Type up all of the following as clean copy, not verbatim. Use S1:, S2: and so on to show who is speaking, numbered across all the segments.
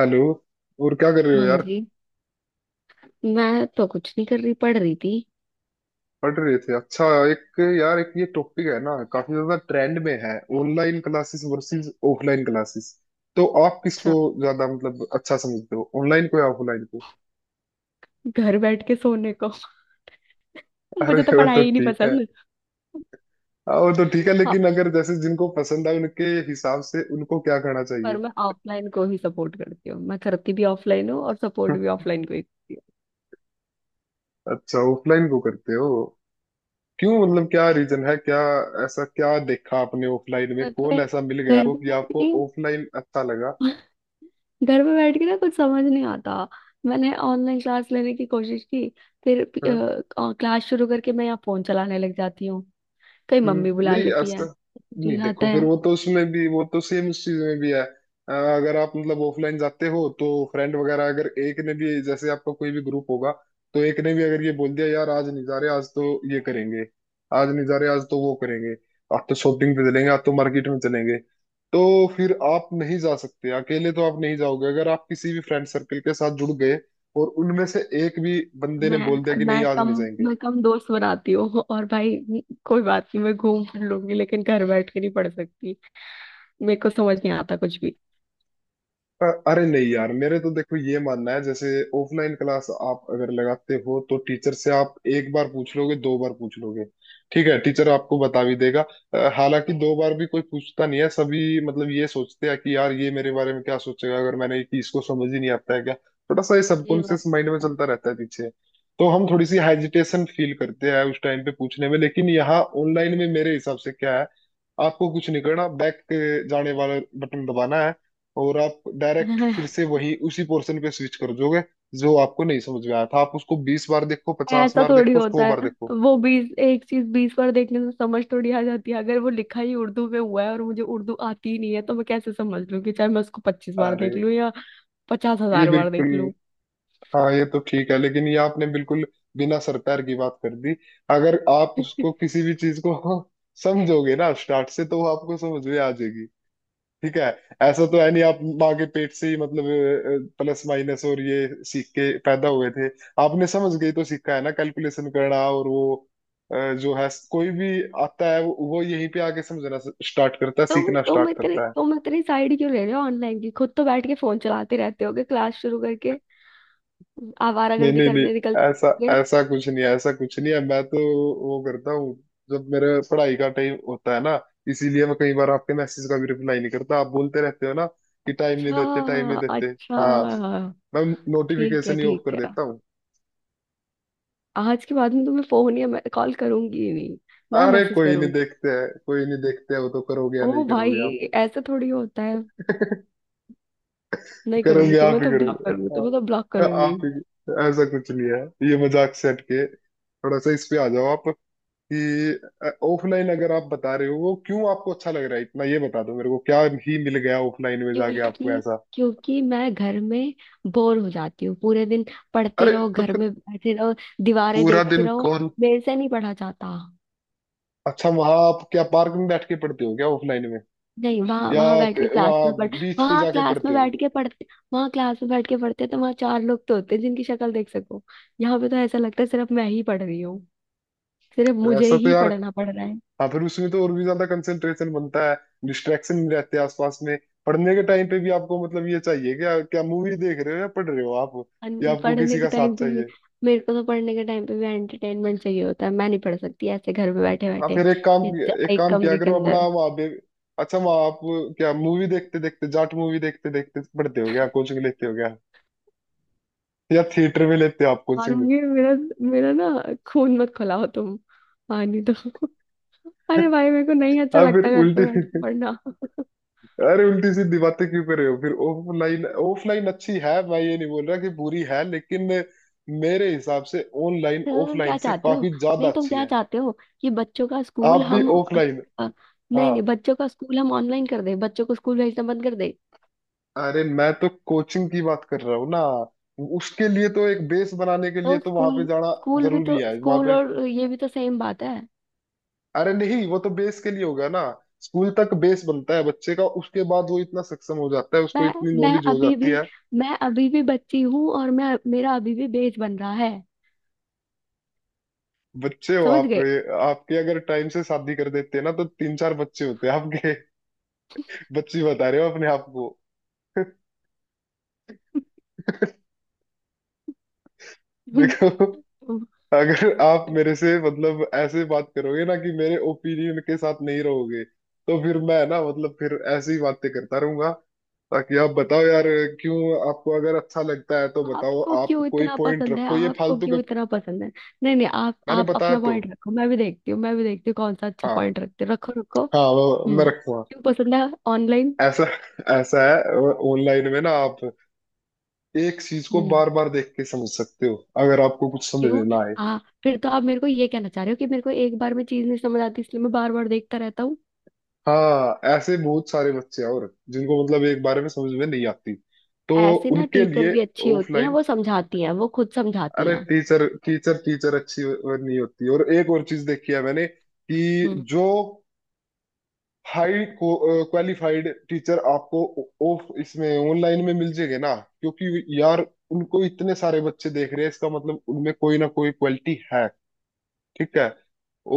S1: Hello. और क्या कर रहे हो
S2: हाँ
S1: यार।
S2: जी। मैं तो कुछ नहीं कर रही, पढ़ रही थी।
S1: पढ़ रहे थे, अच्छा। एक यार, एक ये टॉपिक है ना काफी ज्यादा ट्रेंड में है, online classes versus offline classes. तो आप
S2: अच्छा,
S1: किसको ज्यादा अच्छा समझते हो, ऑनलाइन को या ऑफलाइन को?
S2: घर बैठ के सोने को।
S1: अरे
S2: मुझे तो
S1: वो तो
S2: पढ़ाई ही नहीं
S1: ठीक है।
S2: पसंद।
S1: हाँ, वो तो ठीक है,
S2: हाँ,
S1: लेकिन अगर जैसे जिनको पसंद है उनके हिसाब से उनको क्या करना
S2: पर
S1: चाहिए?
S2: मैं ऑफलाइन को ही सपोर्ट करती हूँ, मैं करती भी ऑफलाइन हूँ और सपोर्ट भी ऑफलाइन को ही करती हूँ।
S1: अच्छा, ऑफलाइन को करते हो? क्यों, क्या रीजन है क्या? ऐसा क्या देखा आपने ऑफलाइन में,
S2: सच
S1: कौन
S2: में
S1: ऐसा मिल गया
S2: घर
S1: आपको
S2: में
S1: कि
S2: बैठ
S1: आपको
S2: के
S1: ऑफलाइन अच्छा लगा?
S2: घर में बैठ के ना कुछ समझ नहीं आता। मैंने ऑनलाइन क्लास लेने की कोशिश की, फिर
S1: हाँ?
S2: क्लास शुरू करके मैं यहाँ फोन चलाने लग जाती हूँ। कहीं
S1: हम्म।
S2: मम्मी बुला
S1: नहीं
S2: लेती है,
S1: ऐसा नहीं,
S2: हो जाता
S1: देखो, फिर
S2: है।
S1: वो तो उसमें भी, वो तो सेम उस चीज में भी है। अगर आप ऑफलाइन जाते हो तो फ्रेंड वगैरह, अगर एक ने भी, जैसे आपका कोई भी ग्रुप होगा, तो एक ने भी अगर ये बोल दिया यार आज नहीं जा रहे, आज तो ये करेंगे, आज नहीं जा रहे, आज तो वो करेंगे, आज तो शॉपिंग पे चलेंगे, आज तो मार्केट में चलेंगे, तो फिर आप नहीं जा सकते अकेले, तो आप नहीं जाओगे। अगर आप किसी भी फ्रेंड सर्कल के साथ जुड़ गए और उनमें से एक भी बंदे ने बोल
S2: मैं
S1: दिया कि नहीं
S2: मैं
S1: आज
S2: कम
S1: नहीं जाएंगे।
S2: मैं कम दोस्त बनाती हूँ, और भाई कोई बात नहीं, मैं घूम फिर लूंगी लेकिन घर बैठ के नहीं पढ़ सकती। मेरे को समझ नहीं आता कुछ भी।
S1: अरे नहीं यार, मेरे तो देखो ये मानना है, जैसे ऑफलाइन क्लास आप अगर लगाते हो तो टीचर से आप एक बार पूछ लोगे, दो बार पूछ लोगे, ठीक है, टीचर आपको बता भी देगा। हालांकि दो बार भी कोई पूछता नहीं है, सभी ये सोचते हैं कि यार ये मेरे बारे में क्या सोचेगा अगर मैंने, कि इसको समझ ही नहीं आता है क्या, थोड़ा सा ये
S2: ये
S1: सबकॉन्शियस
S2: बात
S1: माइंड में
S2: है।
S1: चलता रहता है पीछे। तो हम थोड़ी
S2: हम्म।
S1: सी हेजिटेशन फील करते हैं उस टाइम पे पूछने में। लेकिन यहाँ ऑनलाइन में मेरे हिसाब से क्या है, आपको कुछ नहीं करना, बैक जाने वाला बटन दबाना है और आप डायरेक्ट फिर से वही उसी पोर्शन पे स्विच कर दोगे। जो आपको नहीं समझ में आया था आप उसको बीस बार देखो, पचास
S2: ऐसा
S1: बार
S2: थोड़ी
S1: देखो, सौ
S2: होता
S1: बार
S2: है।
S1: देखो।
S2: वो बीस एक चीज 20 बार देखने से समझ थोड़ी आ जाती है? अगर वो लिखा ही उर्दू में हुआ है और मुझे उर्दू आती ही नहीं है तो मैं कैसे समझ लूंगी, चाहे मैं उसको 25 बार
S1: अरे
S2: देख लूं या पचास
S1: ये
S2: हजार बार देख
S1: बिल्कुल,
S2: लूं।
S1: हाँ ये तो ठीक है, लेकिन ये आपने बिल्कुल बिना सर पैर की बात कर दी। अगर आप उसको किसी भी चीज को समझोगे ना स्टार्ट से, तो वो आपको समझ में आ जाएगी। ठीक है, ऐसा तो है नहीं आप माँ के पेट से ही प्लस माइनस और ये सीख के पैदा हुए थे। आपने समझ गई तो सीखा है ना कैलकुलेशन करना, और जो है कोई भी आता है वो यहीं पे आके समझना स्टार्ट करता है,
S2: तुम
S1: सीखना
S2: तुम
S1: स्टार्ट
S2: इतने
S1: करता है।
S2: तुम इतनी साइड क्यों ले रहे हो ऑनलाइन की, खुद तो बैठ के फोन चलाते रहते होगे क्लास शुरू करके,
S1: नहीं
S2: आवारागर्दी
S1: नहीं नहीं
S2: करने निकल
S1: ऐसा,
S2: जाते हैं।
S1: कुछ नहीं है, ऐसा कुछ नहीं है। मैं तो वो करता हूँ जब मेरे पढ़ाई का टाइम होता है ना, इसीलिए मैं कई बार आपके मैसेज का भी रिप्लाई नहीं करता। आप बोलते रहते हो ना कि टाइम नहीं
S2: अच्छा
S1: देते, टाइम नहीं देते।
S2: अच्छा।
S1: हाँ, मैं
S2: ठीक है
S1: नोटिफिकेशन ही ऑफ
S2: ठीक
S1: कर
S2: है।
S1: देता हूँ।
S2: आज के बाद में तुम्हें फोन या कॉल करूंगी ही नहीं, ना
S1: अरे
S2: मैसेज
S1: कोई नहीं,
S2: करूंगी।
S1: देखते हैं, कोई नहीं, देखते हैं वो तो करोगे या नहीं
S2: ओ भाई,
S1: करोगे आप।
S2: ऐसा थोड़ी होता है। नहीं करूंगी,
S1: करोगे, आप
S2: तुम्हें
S1: ही
S2: तो ब्लॉक
S1: करोगे।
S2: करूंगी, तुम्हें तो
S1: हाँ,
S2: ब्लॉक करूंगी।
S1: आप ही। ऐसा कुछ नहीं है। ये मजाक से हटके थोड़ा सा इस पे आ जाओ आप, कि ऑफलाइन अगर आप बता रहे हो, वो क्यों आपको अच्छा लग रहा है इतना, ये बता दो मेरे को क्या ही मिल गया ऑफलाइन में जाके आपको
S2: क्योंकि
S1: ऐसा।
S2: क्योंकि मैं घर में बोर हो जाती हूँ, पूरे दिन पढ़ते
S1: अरे
S2: रहो,
S1: तो
S2: घर
S1: फिर
S2: में बैठे रहो, दीवारें
S1: पूरा
S2: देखते
S1: दिन
S2: रहो,
S1: कौन?
S2: मेरे से नहीं पढ़ा जाता।
S1: अच्छा, वहां आप क्या पार्क में बैठ के पढ़ते हो क्या ऑफलाइन में,
S2: नहीं, वहाँ
S1: या
S2: वहाँ बैठ के क्लास
S1: वहां
S2: में पढ़,
S1: बीच पे
S2: वहाँ
S1: जाके
S2: क्लास में
S1: पढ़ते हो?
S2: बैठ के पढ़ते, वहाँ क्लास में बैठ के पढ़ते तो वहाँ चार लोग तो होते हैं जिनकी शक्ल देख सको। यहाँ पे तो ऐसा लगता है सिर्फ मैं ही पढ़ रही हूँ, सिर्फ
S1: फिर
S2: मुझे
S1: ऐसा तो
S2: ही
S1: यार,
S2: पढ़ना पड़ रहा है।
S1: हाँ फिर उसमें तो और भी ज्यादा कंसंट्रेशन बनता है, डिस्ट्रैक्शन नहीं रहते आसपास में। पढ़ने के टाइम पे भी आपको ये चाहिए क्या, क्या मूवी देख रहे हो या पढ़ रहे हो आप, या आपको
S2: पढ़ने
S1: किसी
S2: के
S1: का साथ
S2: टाइम पे भी,
S1: चाहिए?
S2: मेरे को तो पढ़ने के टाइम पे भी एंटरटेनमेंट चाहिए होता है, मैं नहीं पढ़ सकती ऐसे घर में बैठे
S1: हाँ
S2: बैठे
S1: फिर एक काम, एक
S2: एक
S1: काम किया
S2: कमरे के
S1: करो अपना
S2: अंदर।
S1: वहाँ पे। अच्छा वहाँ आप क्या मूवी देखते देखते, जाट मूवी देखते देखते पढ़ते हो क्या कोचिंग लेते हो क्या, या थिएटर में लेते हो आप कोचिंग?
S2: मारूंगी मेरा मेरा ना खून मत खिलाओ तुम, पानी दो। अरे भाई, मेरे को नहीं अच्छा
S1: हाँ फिर
S2: लगता घर पे
S1: उल्टी,
S2: बैठ के पढ़ना।
S1: अरे उल्टी सीधी बातें क्यों कर रहे हो? फिर ऑफलाइन, ऑफलाइन अच्छी है, मैं ये नहीं बोल रहा कि बुरी है, लेकिन मेरे हिसाब से ऑनलाइन
S2: तो तुम
S1: ऑफलाइन
S2: क्या
S1: से
S2: चाहते हो,
S1: काफी ज्यादा
S2: नहीं तुम
S1: अच्छी
S2: क्या
S1: है।
S2: चाहते हो कि बच्चों का स्कूल
S1: आप भी
S2: हम अ,
S1: ऑफलाइन।
S2: अ,
S1: हाँ,
S2: नहीं नहीं, बच्चों का स्कूल हम ऑनलाइन कर दें, बच्चों को स्कूल भेजना बंद कर दें?
S1: अरे मैं तो कोचिंग की बात कर रहा हूँ ना, उसके लिए तो एक बेस बनाने के लिए
S2: तो
S1: तो वहां पे
S2: स्कूल
S1: जाना
S2: स्कूल भी
S1: जरूरी
S2: तो,
S1: है वहां
S2: स्कूल
S1: पे।
S2: और ये भी तो सेम बात है।
S1: अरे नहीं वो तो बेस के लिए होगा ना, स्कूल तक बेस बनता है बच्चे का, उसके बाद वो इतना सक्षम हो जाता है, उसको
S2: मैं
S1: इतनी
S2: मैं
S1: नॉलेज हो
S2: अभी
S1: जाती
S2: भी
S1: है।
S2: मैं अभी भी बच्ची हूँ, और मैं मेरा अभी भी बेज बन रहा है,
S1: बच्चे हो
S2: समझ
S1: आप?
S2: गए?
S1: आपके अगर टाइम से शादी कर देते ना तो तीन चार बच्चे होते आपके, बच्ची बता रहे हो अपने आप को। देखो, अगर आप मेरे से ऐसे बात करोगे ना कि मेरे ओपिनियन के साथ नहीं रहोगे, तो फिर मैं ना फिर ऐसी बातें करता रहूंगा, ताकि आप बताओ यार क्यों आपको अगर अच्छा लगता है तो बताओ,
S2: आपको
S1: आप
S2: क्यों
S1: कोई
S2: इतना
S1: पॉइंट
S2: पसंद है,
S1: रखो, ये
S2: आपको
S1: फालतू के।
S2: क्यों इतना पसंद है? नहीं नहीं, आप
S1: मैंने
S2: आप
S1: बताया
S2: अपना
S1: तो,
S2: पॉइंट रखो, मैं भी देखती हूँ, मैं भी देखती हूँ कौन सा अच्छा
S1: हाँ,
S2: पॉइंट रखते हो। रखो रखो।
S1: हाँ वो मैं
S2: हम्म।
S1: रखूंगा।
S2: क्यों पसंद है ऑनलाइन?
S1: ऐसा ऐसा है ऑनलाइन में ना, आप एक चीज को
S2: हम्म।
S1: बार बार देख के समझ सकते हो अगर आपको कुछ समझ
S2: क्यों?
S1: ना आए।
S2: हाँ, फिर तो आप मेरे को ये कहना चाह रहे हो कि मेरे को एक बार में चीज नहीं समझ आती, इसलिए मैं बार बार देखता रहता हूँ।
S1: हाँ ऐसे बहुत सारे बच्चे हैं और जिनको एक बारे में समझ में नहीं आती, तो
S2: ऐसे ना,
S1: उनके
S2: टीचर
S1: लिए
S2: भी अच्छी होती हैं,
S1: ऑफलाइन।
S2: वो समझाती हैं, वो खुद समझाती
S1: अरे
S2: हैं।
S1: टीचर, टीचर अच्छी नहीं होती, और एक और चीज देखी है मैंने कि
S2: हम्म।
S1: जो हाई क्वालिफाइड टीचर आपको ऑफ इसमें ऑनलाइन में मिल जाएंगे ना, क्योंकि यार उनको इतने सारे बच्चे देख रहे हैं, इसका मतलब उनमें कोई ना कोई क्वालिटी है, ठीक है,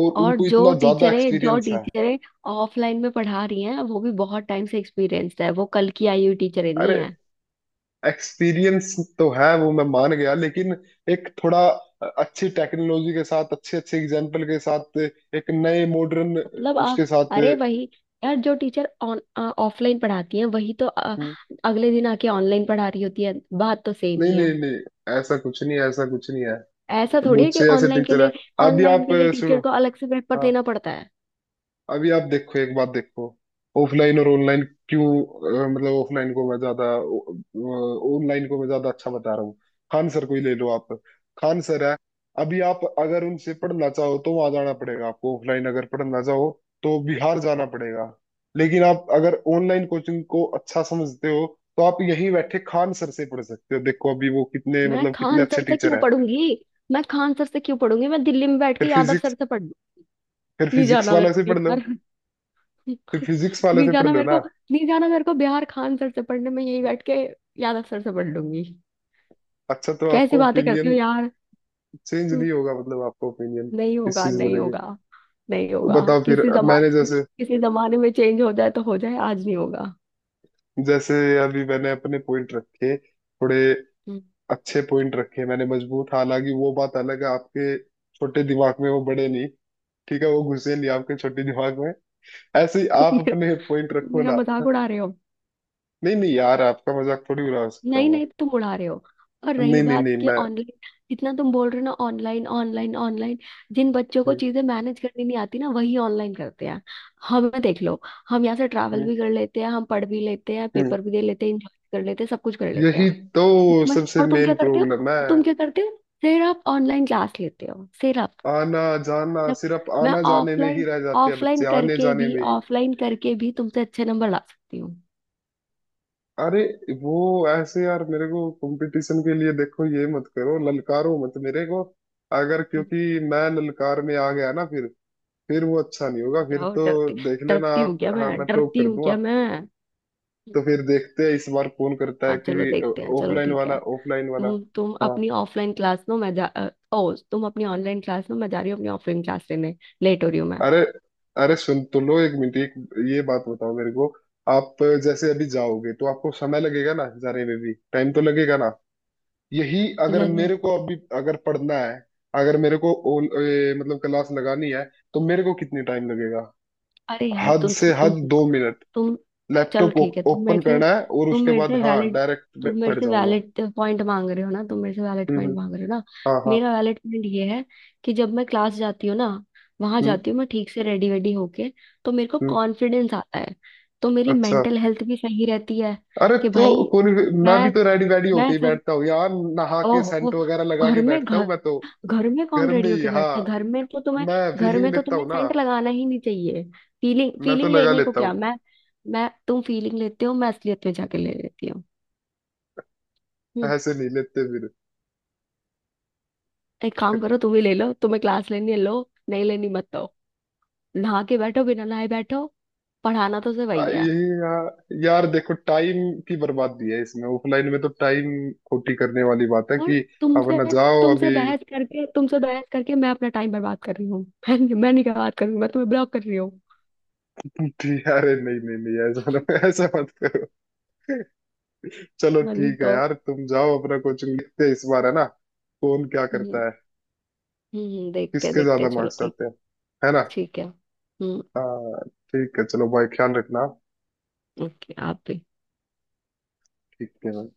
S1: और
S2: और
S1: उनको
S2: जो
S1: इतना ज्यादा
S2: टीचरें जो
S1: एक्सपीरियंस है।
S2: टीचरें ऑफलाइन में पढ़ा रही हैं वो भी बहुत टाइम से एक्सपीरियंस्ड है, वो कल की आई हुई टीचरें नहीं
S1: अरे
S2: है।
S1: एक्सपीरियंस तो है, वो मैं मान गया, लेकिन एक थोड़ा अच्छी टेक्नोलॉजी के साथ, अच्छे अच्छे एग्जाम्पल के साथ, एक नए मॉडर्न
S2: मतलब आप,
S1: उसके साथ।
S2: अरे वही यार, जो टीचर ऑन ऑफलाइन पढ़ाती हैं वही तो
S1: हम्म।
S2: अगले दिन आके ऑनलाइन पढ़ा रही होती है, बात तो सेम
S1: नहीं
S2: ही है।
S1: नहीं नहीं ऐसा कुछ नहीं है, ऐसा कुछ नहीं है।
S2: ऐसा थोड़ी है
S1: बहुत
S2: कि
S1: से ऐसे
S2: ऑनलाइन के
S1: टीचर है।
S2: लिए,
S1: अभी
S2: ऑनलाइन
S1: आप
S2: के लिए
S1: सुनो।
S2: टीचर को अलग से पेपर
S1: हाँ।
S2: देना पड़ता है।
S1: अभी आप देखो एक बात देखो, ऑफलाइन और ऑनलाइन। क्यों अ, मतलब ऑफलाइन को मैं ज्यादा ऑनलाइन को मैं ज्यादा अच्छा बता रहा हूँ। खान सर को ही ले लो आप, खान सर है, अभी आप अगर उनसे पढ़ना चाहो तो वहां जाना पड़ेगा आपको। ऑफलाइन अगर पढ़ना चाहो तो बिहार जाना पड़ेगा, लेकिन आप अगर ऑनलाइन कोचिंग को अच्छा समझते हो तो आप यहीं बैठे खान सर से पढ़ सकते हो। देखो अभी वो कितने
S2: मैं
S1: कितने
S2: खान
S1: अच्छे
S2: सर से
S1: टीचर
S2: क्यों
S1: है।
S2: पढ़ूंगी, मैं खान सर से क्यों पढ़ूंगी? मैं दिल्ली में बैठ के
S1: फिर
S2: यादव
S1: फिजिक्स,
S2: सर से पढ़ लूं। नहीं जाना मेरे
S1: वाले
S2: को
S1: से पढ़ लो।
S2: बिहार।
S1: फिर फिजिक्स वाले
S2: नहीं
S1: से पढ़
S2: जाना
S1: लो
S2: मेरे को,
S1: ना।
S2: नहीं जाना मेरे को बिहार खान सर से पढ़ने में, यही बैठ के यादव सर से पढ़ लूंगी।
S1: अच्छा, तो
S2: कैसी
S1: आपका
S2: बातें करते हो
S1: ओपिनियन
S2: यार।
S1: चेंज
S2: हम्म,
S1: नहीं होगा, मतलब आपका ओपिनियन
S2: नहीं
S1: इस
S2: होगा,
S1: चीज को
S2: नहीं
S1: लेके।
S2: होगा, नहीं
S1: तो
S2: होगा।
S1: बताओ फिर,
S2: किसी जमाने
S1: मैंने
S2: में
S1: जैसे
S2: किसी जमाने में चेंज हो जाए तो हो जाए, आज नहीं होगा।
S1: जैसे अभी मैंने अपने पॉइंट रखे, थोड़े
S2: हम्म।
S1: अच्छे पॉइंट रखे मैंने, मजबूत। हालांकि वो बात अलग है आपके छोटे दिमाग में वो बड़े नहीं, ठीक है, वो घुसे नहीं आपके छोटे दिमाग में। ऐसे ही
S2: तुम
S1: आप
S2: मेरा
S1: अपने पॉइंट
S2: तुम
S1: रखो
S2: मेरा
S1: ना।
S2: मजाक उड़ा रहे हो?
S1: नहीं नहीं यार, आपका मजाक थोड़ी उड़ा सकता
S2: नहीं
S1: हूँ।
S2: नहीं, तुम उड़ा रहे हो। और
S1: मैं
S2: रही
S1: नहीं नहीं
S2: बात
S1: नहीं
S2: कि
S1: मैं
S2: ऑनलाइन, जितना तुम बोल रहे हो ना, ऑनलाइन ऑनलाइन ऑनलाइन, जिन बच्चों को
S1: हम्म,
S2: चीजें मैनेज करनी नहीं आती ना, वही ऑनलाइन करते हैं। हमें देख लो, हम यहाँ से ट्रैवल
S1: हम्म,
S2: भी कर लेते हैं, हम पढ़ भी लेते हैं,
S1: हम्म।
S2: पेपर भी दे लेते हैं, इंजॉय कर लेते हैं, सब कुछ कर लेते हैं।
S1: यही तो सबसे
S2: और तुम
S1: मेन
S2: क्या करते हो,
S1: प्रॉब्लम
S2: तुम
S1: है,
S2: क्या करते हो, सिर्फ ऑनलाइन क्लास लेते हो सिर्फ?
S1: आना जाना,
S2: जब
S1: सिर्फ
S2: मैं
S1: आना जाने में ही
S2: ऑफलाइन
S1: रह जाते हैं
S2: ऑफलाइन
S1: बच्चे, आने
S2: करके
S1: जाने
S2: भी,
S1: में ही।
S2: ऑफलाइन करके भी तुमसे अच्छे नंबर ला सकती हूँ।
S1: अरे वो ऐसे यार, मेरे को कंपटीशन के लिए देखो ये मत करो, ललकारो मत मेरे को, अगर क्योंकि मैं ललकार में आ गया ना फिर वो अच्छा
S2: अरे
S1: नहीं
S2: जाओ
S1: होगा फिर
S2: जाओ,
S1: तो,
S2: डरती
S1: देख लेना
S2: डरती हूँ
S1: आप,
S2: क्या
S1: हाँ
S2: मैं,
S1: मैं टॉप
S2: डरती
S1: कर
S2: हूँ क्या
S1: दूंगा।
S2: मैं?
S1: तो फिर देखते हैं इस बार कौन करता है
S2: हाँ चलो,
S1: कि।
S2: देखते हैं, चलो
S1: ऑफलाइन
S2: ठीक है।
S1: वाला, ऑफलाइन वाला।
S2: तुम
S1: हाँ।
S2: अपनी ऑफलाइन क्लास लो, मैं जा ओ, तुम अपनी ऑनलाइन क्लास लो, मैं जा रही हूँ अपनी ऑफलाइन क्लास लेने, लेट हो रही हूँ मैं।
S1: अरे, अरे सुन तो लो एक मिनट, एक ये बात बताओ मेरे को। आप जैसे अभी जाओगे तो आपको समय लगेगा ना, जाने में भी टाइम तो लगेगा ना। यही, अगर
S2: लग
S1: मेरे को अभी अगर पढ़ना है, अगर मेरे को ओल, ए, मतलब क्लास लगानी है तो मेरे को कितनी टाइम लगेगा?
S2: अरे यार,
S1: हद से
S2: तुम
S1: हद
S2: सुनो,
S1: दो मिनट,
S2: तुम चलो
S1: लैपटॉप
S2: ठीक है,
S1: ओपन करना है, और
S2: तुम
S1: उसके
S2: मेरे
S1: बाद
S2: से
S1: हाँ
S2: वैलिड
S1: डायरेक्ट
S2: तुम मेरे
S1: पढ़
S2: से
S1: जाऊंगा।
S2: वैलिड पॉइंट मांग रहे हो ना, तुम मेरे से वैलिड
S1: हम्म,
S2: पॉइंट मांग रहे हो ना?
S1: हाँ हाँ।
S2: मेरा वैलिड पॉइंट ये है, कि जब मैं क्लास जाती हूँ ना, वहां
S1: हम्म।
S2: जाती हूँ मैं ठीक से रेडी वेडी होके, तो मेरे को
S1: हम्म।
S2: कॉन्फिडेंस आता है, तो मेरी
S1: अच्छा।
S2: मेंटल हेल्थ भी सही रहती है,
S1: अरे
S2: कि
S1: तो
S2: भाई।
S1: कौन, मैं भी
S2: मैं
S1: तो रेडी वेडी होके
S2: मैं
S1: ही
S2: फिर
S1: बैठता हूँ यार, नहा के
S2: ओहो,
S1: सेंट वगैरह लगा
S2: घर
S1: के
S2: में
S1: बैठता हूँ
S2: घर
S1: मैं तो,
S2: घर में कौन
S1: घर में
S2: रेडियो
S1: ही।
S2: के
S1: हाँ
S2: बैठता है? घर में तो तुम्हें,
S1: मैं
S2: घर
S1: फीलिंग
S2: में तो
S1: लेता
S2: तुम्हें
S1: हूँ ना,
S2: सेंट लगाना ही नहीं चाहिए। फीलिंग
S1: मैं तो
S2: फीलिंग
S1: लगा
S2: लेने को
S1: लेता
S2: क्या
S1: हूँ,
S2: मैं, तुम फीलिंग लेते हो, मैं असलियत में जाके ले लेती हूँ। हम्म।
S1: ऐसे नहीं लेते फिर।
S2: एक काम करो, तुम ही ले लो, तुम्हें क्लास लेनी है लो, नहीं लेनी मत दो, नहा के बैठो, बिना नहाए बैठो, पढ़ाना तो सिर्फ वही है।
S1: यही यार, यार देखो टाइम की बर्बादी है इसमें, ऑफलाइन में तो टाइम खोटी करने वाली बात है
S2: और
S1: कि।
S2: तुमसे
S1: अपना जाओ
S2: तुमसे
S1: अभी।
S2: बहस करके, तुमसे बहस करके मैं अपना टाइम बर्बाद कर रही हूँ। मैं नहीं, क्या बात कर रही हूँ, मैं तुम्हें ब्लॉक कर रही हूँ।
S1: ठीक है, अरे नहीं नहीं नहीं ऐसा मत- ऐसा मत करो। चलो
S2: हाँ, नहीं
S1: ठीक है
S2: तो।
S1: यार, तुम जाओ अपना कोचिंग, लिखते हैं इस बार, है ना, कौन क्या
S2: हम्म।
S1: करता है,
S2: हम्म, देखते हैं
S1: किसके
S2: देखते
S1: ज्यादा
S2: हैं, चलो
S1: मार्क्स
S2: ठीक।
S1: आते हैं, है ना।
S2: ठीक है। हम्म।
S1: हाँ ठीक है, चलो भाई, ख्याल रखना।
S2: ओके, आप भी।
S1: ठीक है।